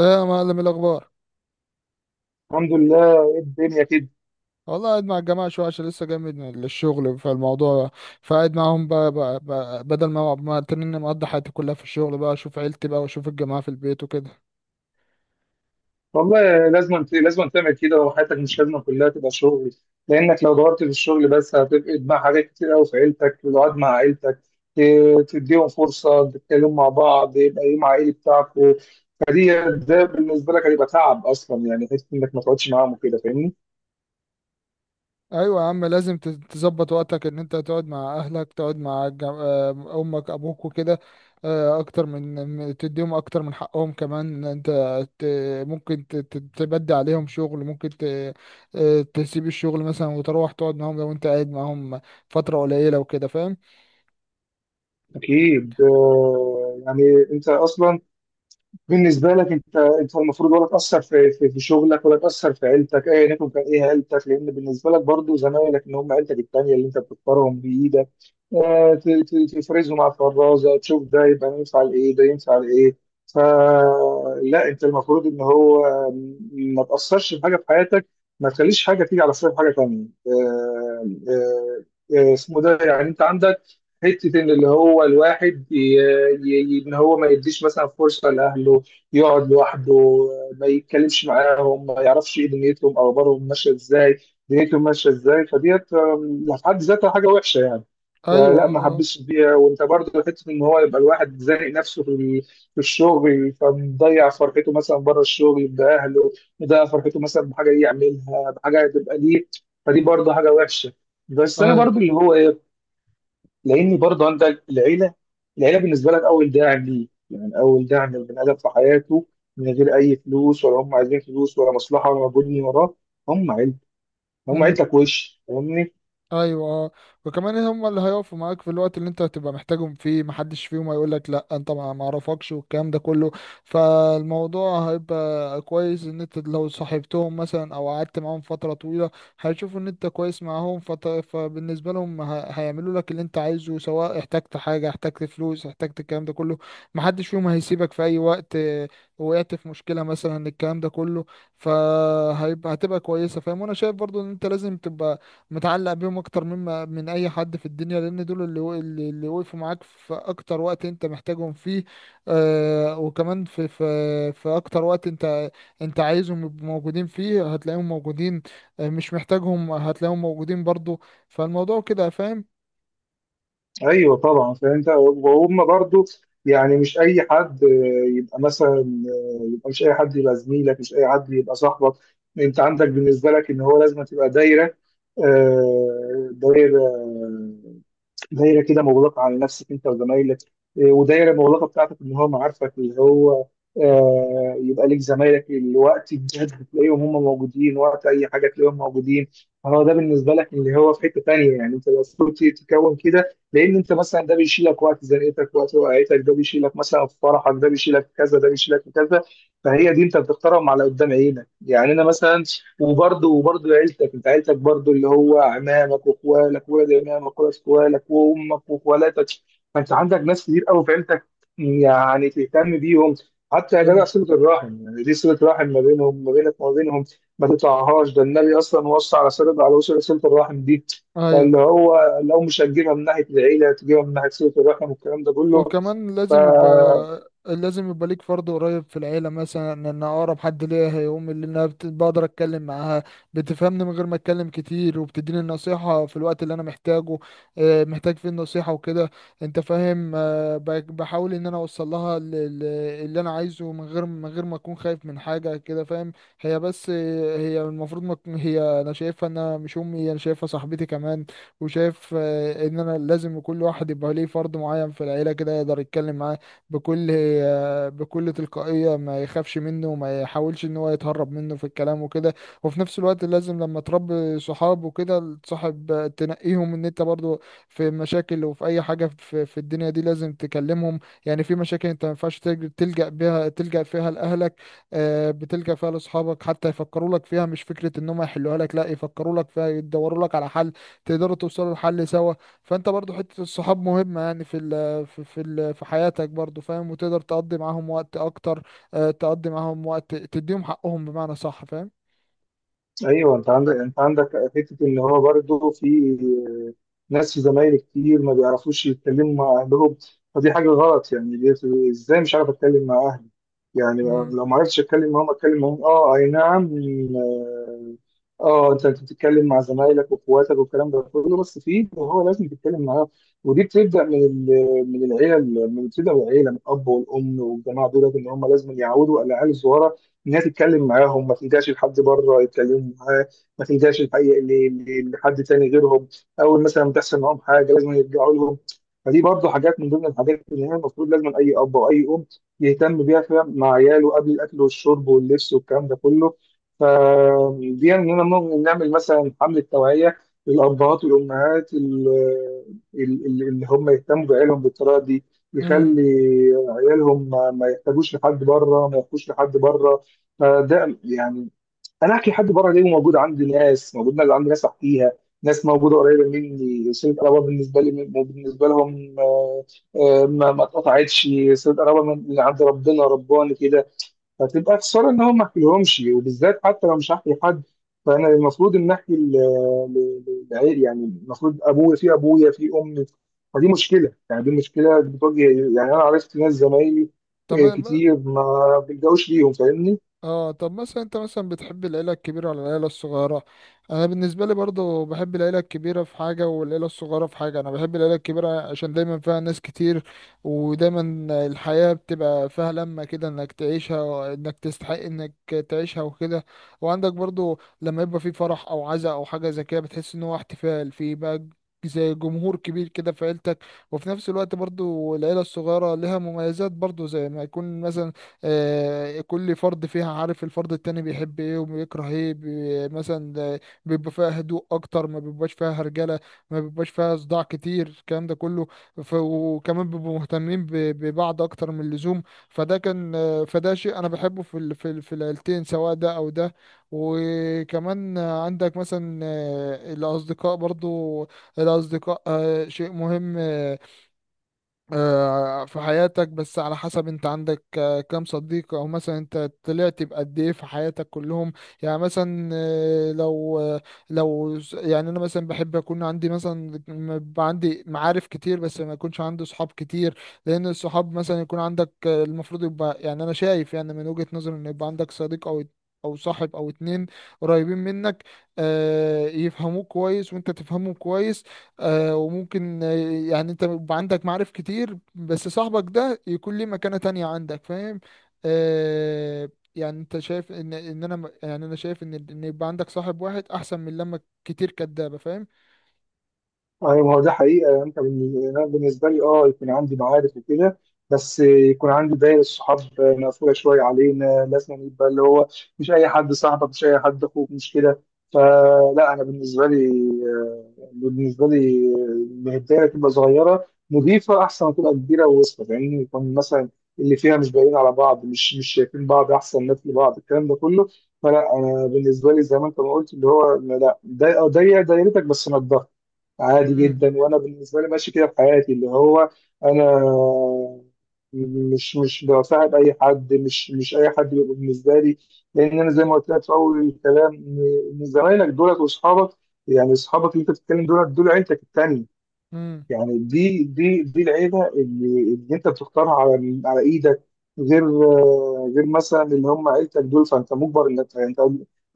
ايه يا معلم، الاخبار؟ الحمد لله. ايه الدنيا كده؟ والله قاعد مع الجماعه شويه عشان لسه جاي من الشغل، فالموضوع فقاعد معاهم بقى بدل ما تنين مقضي حياتي كلها في الشغل، بقى اشوف عيلتي بقى واشوف الجماعه في البيت وكده. والله لازم تعمل كده، وحياتك مش لازم كلها تبقى شغل. لانك لو دورت في الشغل بس، هتفقد مع حاجات كتير قوي في عيلتك، القعد مع عيلتك. تديهم فرصه تتكلموا مع بعض، يبقى ايه مع ايه بتاعكم. فدي، ده بالنسبه لك هيبقى تعب اصلا، يعني حته انك ما تقعدش معاهم وكده، فاهمني. ايوه يا عم، لازم تظبط وقتك ان انت تقعد مع اهلك، تقعد مع امك ابوك وكده. اكتر تديهم اكتر من حقهم كمان انت. تبدي عليهم شغل، ممكن ت- آه، تسيب الشغل مثلا وتروح تقعد معاهم، لو انت قاعد معاهم فتره قليله وكده فاهم. اكيد يعني، انت اصلا بالنسبه لك، انت المفروض، ولا تاثر في شغلك، ولا تاثر في عيلتك، ايا يكن كان ايه عيلتك، لان بالنسبه لك برضو زمايلك ان هم عيلتك التانيه اللي انت بتختارهم بايدك. تفرزهم على الفرازه، تشوف ده يبقى ينفع لايه، ده ينفع لايه. فلا انت المفروض ان هو ما تاثرش في حاجه في حياتك، ما تخليش حاجه تيجي على حساب حاجه تانيه. اسمه ده يعني، انت عندك حتة إن اللي هو الواحد إن هو ما يديش مثلا فرصة لأهله، يقعد لوحده، ما يتكلمش معاهم، ما يعرفش إيه دنيتهم أو أخبارهم ماشية إزاي، دنيتهم ماشية إزاي. فديت في حد ذاتها حاجة وحشة يعني. ايوه فلا ما اه. حبسش فيها، وأنت برضه حتة إن هو يبقى الواحد زانق نفسه في في الشغل، فمضيع فرحته مثلا بره الشغل بأهله، مضيع فرحته مثلا بحاجة يعملها، بحاجة تبقى ليه. فدي برضه حاجة وحشة. بس انا ايوه. برضو اللي هو لان برضه عندك العيله بالنسبه لك اول داعم ليه، يعني اول داعم للبني ادم في حياته. من غير اي فلوس، ولا هم عايزين فلوس ولا مصلحه ولا مجهود وراه، هم عيلتك، هم مم. عيلتك، وش فاهمني. ايوه اه. وكمان هم اللي هيقفوا معاك في الوقت اللي انت هتبقى محتاجهم فيه، محدش فيهم هيقول لك لا، انت ما اعرفكش والكلام ده كله. فالموضوع هيبقى كويس ان انت لو صاحبتهم مثلا او قعدت معاهم فترة طويلة، هيشوفوا ان انت كويس معاهم. فبالنسبة لهم هيعملوا لك اللي انت عايزه، سواء احتجت حاجة احتجت فلوس احتجت الكلام ده كله. محدش فيهم هيسيبك في اي وقت. وقعت في مشكلة مثلا الكلام ده كله، فهيبقى هتبقى كويسة فاهم. وانا شايف برضو ان انت لازم تبقى متعلق بيهم اكتر مما من اي حد في الدنيا، لان دول اللي و- اللي اللي وقفوا معاك في اكتر وقت انت محتاجهم فيه. آه وكمان في في اكتر وقت انت عايزهم يبقوا موجودين فيه هتلاقيهم موجودين. آه مش محتاجهم هتلاقيهم موجودين برضو. فالموضوع كده فاهم. ايوه، طبعا فانت وهم برضه يعني، مش اي حد يبقى مثلا، يبقى مش اي حد يبقى زميلك، مش اي حد يبقى صاحبك. انت عندك بالنسبه لك ان هو لازم تبقى دايره، آه، دايره دايره كده، مغلقه على نفسك انت وزمايلك. ودايره مغلقه بتاعتك ان هو معارفك، اللي هو يبقى ليك زمايلك اللي وقت الجد تلاقيهم هم موجودين، وقت اي حاجه تلاقيهم موجودين. فهو ده بالنسبه لك اللي هو في حته تانيه، يعني انت المفروض تكون كده، لان انت مثلا ده بيشيلك وقت زنقتك، وقت وقعتك، ده بيشيلك مثلا في فرحك، ده بيشيلك في كذا، ده بيشيلك في كذا. فهي دي انت بتختارهم على قدام عينك، يعني انا مثلا. وبرضه عيلتك، انت عيلتك برضه اللي هو عمامك واخوالك، ولاد عمامك، ولاد اخوالك، وامك، واخوالاتك. فانت عندك ناس كتير قوي في عيلتك، يعني تهتم بيهم، حتى يا جدع امم. صلة الرحم. يعني دي صلة رحم ما بينهم، ما بينك وما بينهم، ما تقطعهاش. ده النبي اصلا وصى على وصل صلة الرحم دي. ايوه. فاللي هو لو مش هتجيبها من ناحية العيلة، تجيبها من ناحية صلة الرحم، والكلام ده كله. وكمان لازم يبقى، فا لازم يبقى ليك فرد قريب في العيلة، مثلا ان اقرب حد ليا هي امي، اللي انا بقدر اتكلم معاها. بتفهمني من غير ما اتكلم كتير، وبتديني النصيحة في الوقت اللي انا محتاجه، محتاج فيه النصيحة وكده. انت فاهم. بحاول ان انا اوصل لها اللي انا عايزه، من غير ما اكون خايف من حاجة كده فاهم. هي بس، آه، هي المفروض ما تكون- هي انا شايفها انها مش امي، انا شايفها صاحبتي كمان. وشايف ان انا لازم كل واحد يبقى ليه فرد معين في العيله كده يقدر يتكلم معاه بكل بكل تلقائيه، ما يخافش منه وما يحاولش ان هو يتهرب منه في الكلام وكده. وفي نفس الوقت لازم لما تربي صحاب وكده تصاحب، تنقيهم ان انت برضو في مشاكل وفي اي حاجه في الدنيا دي لازم تكلمهم. يعني في مشاكل انت ما ينفعش تلجأ بيها، تلجأ فيها لاهلك، بتلجأ فيها لاصحابك حتى يفكروا لك فيها، مش فكره ان هم يحلوها لك، لا يفكروا لك فيها يدوروا لك على حل، تقدروا توصلوا لحل سوا. فانت برضو حتة الصحاب مهمة، يعني في ال في حياتك برضو فاهم، وتقدر تقضي معاهم وقت اكتر، تقضي معاهم وقت تديهم حقهم بمعنى صح فاهم. ايوه، انت عندك حتة ان هو برضه في زمايلي كتير ما بيعرفوش يتكلموا مع أهلهم. فدي حاجة غلط يعني. إزاي مش عارف أتكلم مع أهلي؟ يعني امم. لو ما عرفتش أتكلم معاهم، أتكلم معاهم. أه، أي نعم. آه أنت بتتكلم مع زمايلك وإخواتك والكلام ده كله، بس في اللي هو لازم تتكلم معاه. ودي بتبدأ من العيلة، من الأب والأم والجماعة دول، إن هم لازم يعودوا على العيال الصغيرة إن هي تتكلم معاهم، ما تلجاش لحد بره يتكلموا معاه. ما تلجاش الحقيقة لحد تاني غيرهم. اول مثلا تحصل معاهم حاجه لازم يرجعوا لهم. فدي برضه حاجات من ضمن الحاجات اللي هي المفروض لازم اي اب واي ام يهتم بيها فعلا مع عياله، قبل الاكل والشرب واللبس والكلام ده كله. فدي اننا ممكن نعمل مثلا حمله توعيه للابهات والامهات اللي هم يهتموا بعيالهم بالطريقه دي، امم. يخلي عيالهم ما يحتاجوش لحد بره، ما يحتاجوش لحد بره. فده يعني، انا احكي لحد بره ليه؟ موجود عندي ناس، موجود ناس عندي ناس احكيها، ناس موجوده قريبه مني، صله قرابه بالنسبه لي، بالنسبه لهم. ما اتقطعتش. صله قرابه من اللي عند ربنا، رباني كده. فتبقى خساره ان هم ما احكيلهمش، وبالذات حتى لو مش هحكي لحد، فانا المفروض ان احكي ل- للعيل، يعني المفروض ابويا في ابويا في امي. فدي مشكله يعني، دي مشكله بتواجه، يعني انا عرفت ناس زمايلي طب. كتير ما بيلجأوش ليهم، فاهمني. اه، طب مثلا انت مثلا بتحب العيلة الكبيرة ولا العيلة الصغيرة؟ انا بالنسبة لي برضو بحب العيلة الكبيرة في حاجة، والعيلة الصغيرة في حاجة. انا بحب العيلة الكبيرة عشان دايما فيها ناس كتير، ودايما الحياة بتبقى فيها لمة كده، انك تعيشها وانك تستحق انك تعيشها وكده. وعندك برضو لما يبقى في فرح او عزاء او حاجة زي كده، بتحس ان هو احتفال في بقى، زي جمهور كبير كده في عيلتك. وفي نفس الوقت برضو العيلة الصغيرة لها مميزات برضو، زي ما يكون مثلا كل فرد فيها عارف الفرد التاني بيحب ايه وبيكره ايه، مثلا ده بيبقى فيها هدوء اكتر، ما بيبقاش فيها هرجله، ما بيبقاش فيها صداع كتير الكلام ده كله. وكمان بيبقوا مهتمين ببعض اكتر من اللزوم. فده كان، فده شيء انا بحبه في العيلتين، سواء ده او ده. وكمان عندك مثلا الاصدقاء برضو. الأصدقاء شيء مهم، في حياتك، بس على حسب انت عندك كام صديق، او مثلا انت طلعت بقد ايه في حياتك كلهم. يعني مثلا، يعني انا مثلا بحب اكون عندي مثلا، يبقى عندي معارف كتير بس ما يكونش عندي صحاب كتير. لان الصحاب مثلا يكون عندك، المفروض يبقى، يعني انا شايف، يعني من وجهة نظري، ان يبقى عندك صديق او، او صاحب او اتنين قريبين منك، يفهموك كويس وانت تفهمهم كويس. آه وممكن، يعني انت بيبقى عندك معارف كتير بس صاحبك ده يكون ليه مكانة تانية عندك فاهم. آه، يعني انت شايف ان يعني انا شايف ان يبقى عندك صاحب واحد احسن من لما كتير كدابة فاهم. ايوه، ما هو ده حقيقه يعني. انت أنا بالنسبه لي يكون عندي معارف وكده، بس يكون عندي دايره صحاب مقفوله شويه. علينا لازم يبقى اللي هو مش اي حد صاحبك، مش اي حد اخوك، مش كده. فلا انا بالنسبه لي، آه، بالنسبه لي إن الدايره تبقى صغيره نضيفه، احسن ما تبقى كبيره ووسطه، لان يكون مثلا اللي فيها مش باقيين على بعض، مش شايفين بعض، احسن ناس لبعض الكلام ده كله. فلا انا بالنسبه لي زي ما انت ما قلت اللي هو لا، ضيق ضيق دايرتك بس نضف، عادي امم. جدا. وانا بالنسبه لي ماشي كده في حياتي، اللي هو انا مش بصاحب اي حد، مش اي حد بيبقى بالنسبه لي. لان انا زي ما قلت لك في اول الكلام إن زمايلك دولت واصحابك، يعني اصحابك اللي انت بتتكلم دولت، دول عيلتك التانيه. امم. يعني دي العيبه اللي انت بتختارها على ايدك، غير غير مثلا اللي هم عيلتك دول. فانت مجبر انك انت،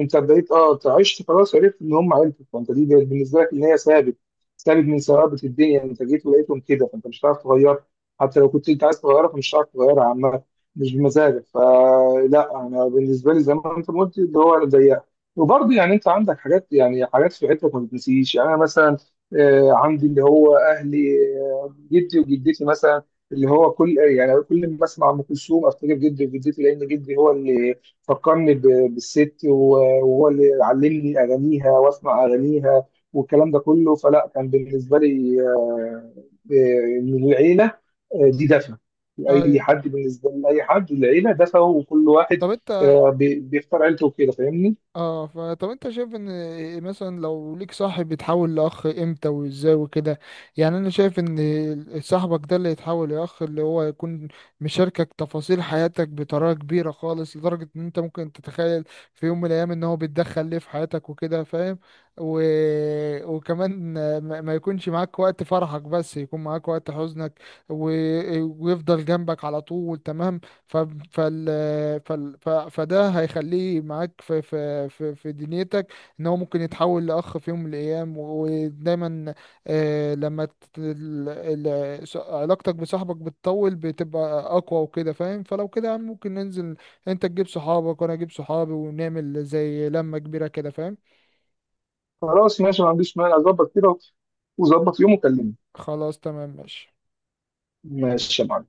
انت بدأت أنت عشت خلاص، عرفت ان هم عيلتك، فانت دي بقت بالنسبه لك ان هي ثابت، ثابت من ثوابت الدنيا. انت جيت ولقيتهم كده، فانت مش هتعرف تغيرها، حتى لو كنت انت عايز تغيرها فمش هتعرف تغيرها عامه، مش بمزاجك. فلا انا بالنسبه لي زي ما انت ما قلت اللي هو ضيق. وبرضه يعني انت عندك حاجات، يعني حاجات في عيلتك ما بتنسيش، يعني انا مثلا عندي اللي هو اهلي، جدي وجدتي مثلا، اللي هو كل ما اسمع ام كلثوم افتكر جدي وجدتي، لان جدي هو اللي فكرني بالست وهو اللي علمني اغانيها واسمع اغانيها والكلام ده كله. فلا كان بالنسبه لي من العيله، دي دفى. ايوه. اي حد بالنسبه لاي حد العيله دفى، وكل واحد طب انت. بيختار عيلته وكده، فاهمني. اه، فطب انت شايف ان مثلا لو ليك صاحب يتحول لاخ امتى وازاي وكده؟ يعني انا شايف ان صاحبك ده اللي يتحول لاخ، اللي هو يكون مشاركك تفاصيل حياتك بطريقه كبيره خالص، لدرجه ان انت ممكن تتخيل في يوم من الايام ان هو بيتدخل ليه في حياتك وكده فاهم. و... وكمان ما يكونش معاك وقت فرحك بس يكون معاك وقت حزنك، و... ويفضل جنبك على طول تمام. ف... فال... فال... ف... فده هيخليه معاك في دنيتك، ان هو ممكن يتحول لاخ في يوم من الايام. ودايما آه لما ت... ال... ال... ص- علاقتك بصاحبك بتطول بتبقى اقوى وكده فاهم. فلو كده يا عم ممكن ننزل، انت تجيب صحابك وانا اجيب صحابي، ونعمل زي لمة كبيرة كده فاهم. خلاص ماشي، ما عنديش مانع، اظبط كده وظبط يوم وكلمني. خلاص تمام ماشي. ماشي يا معلم.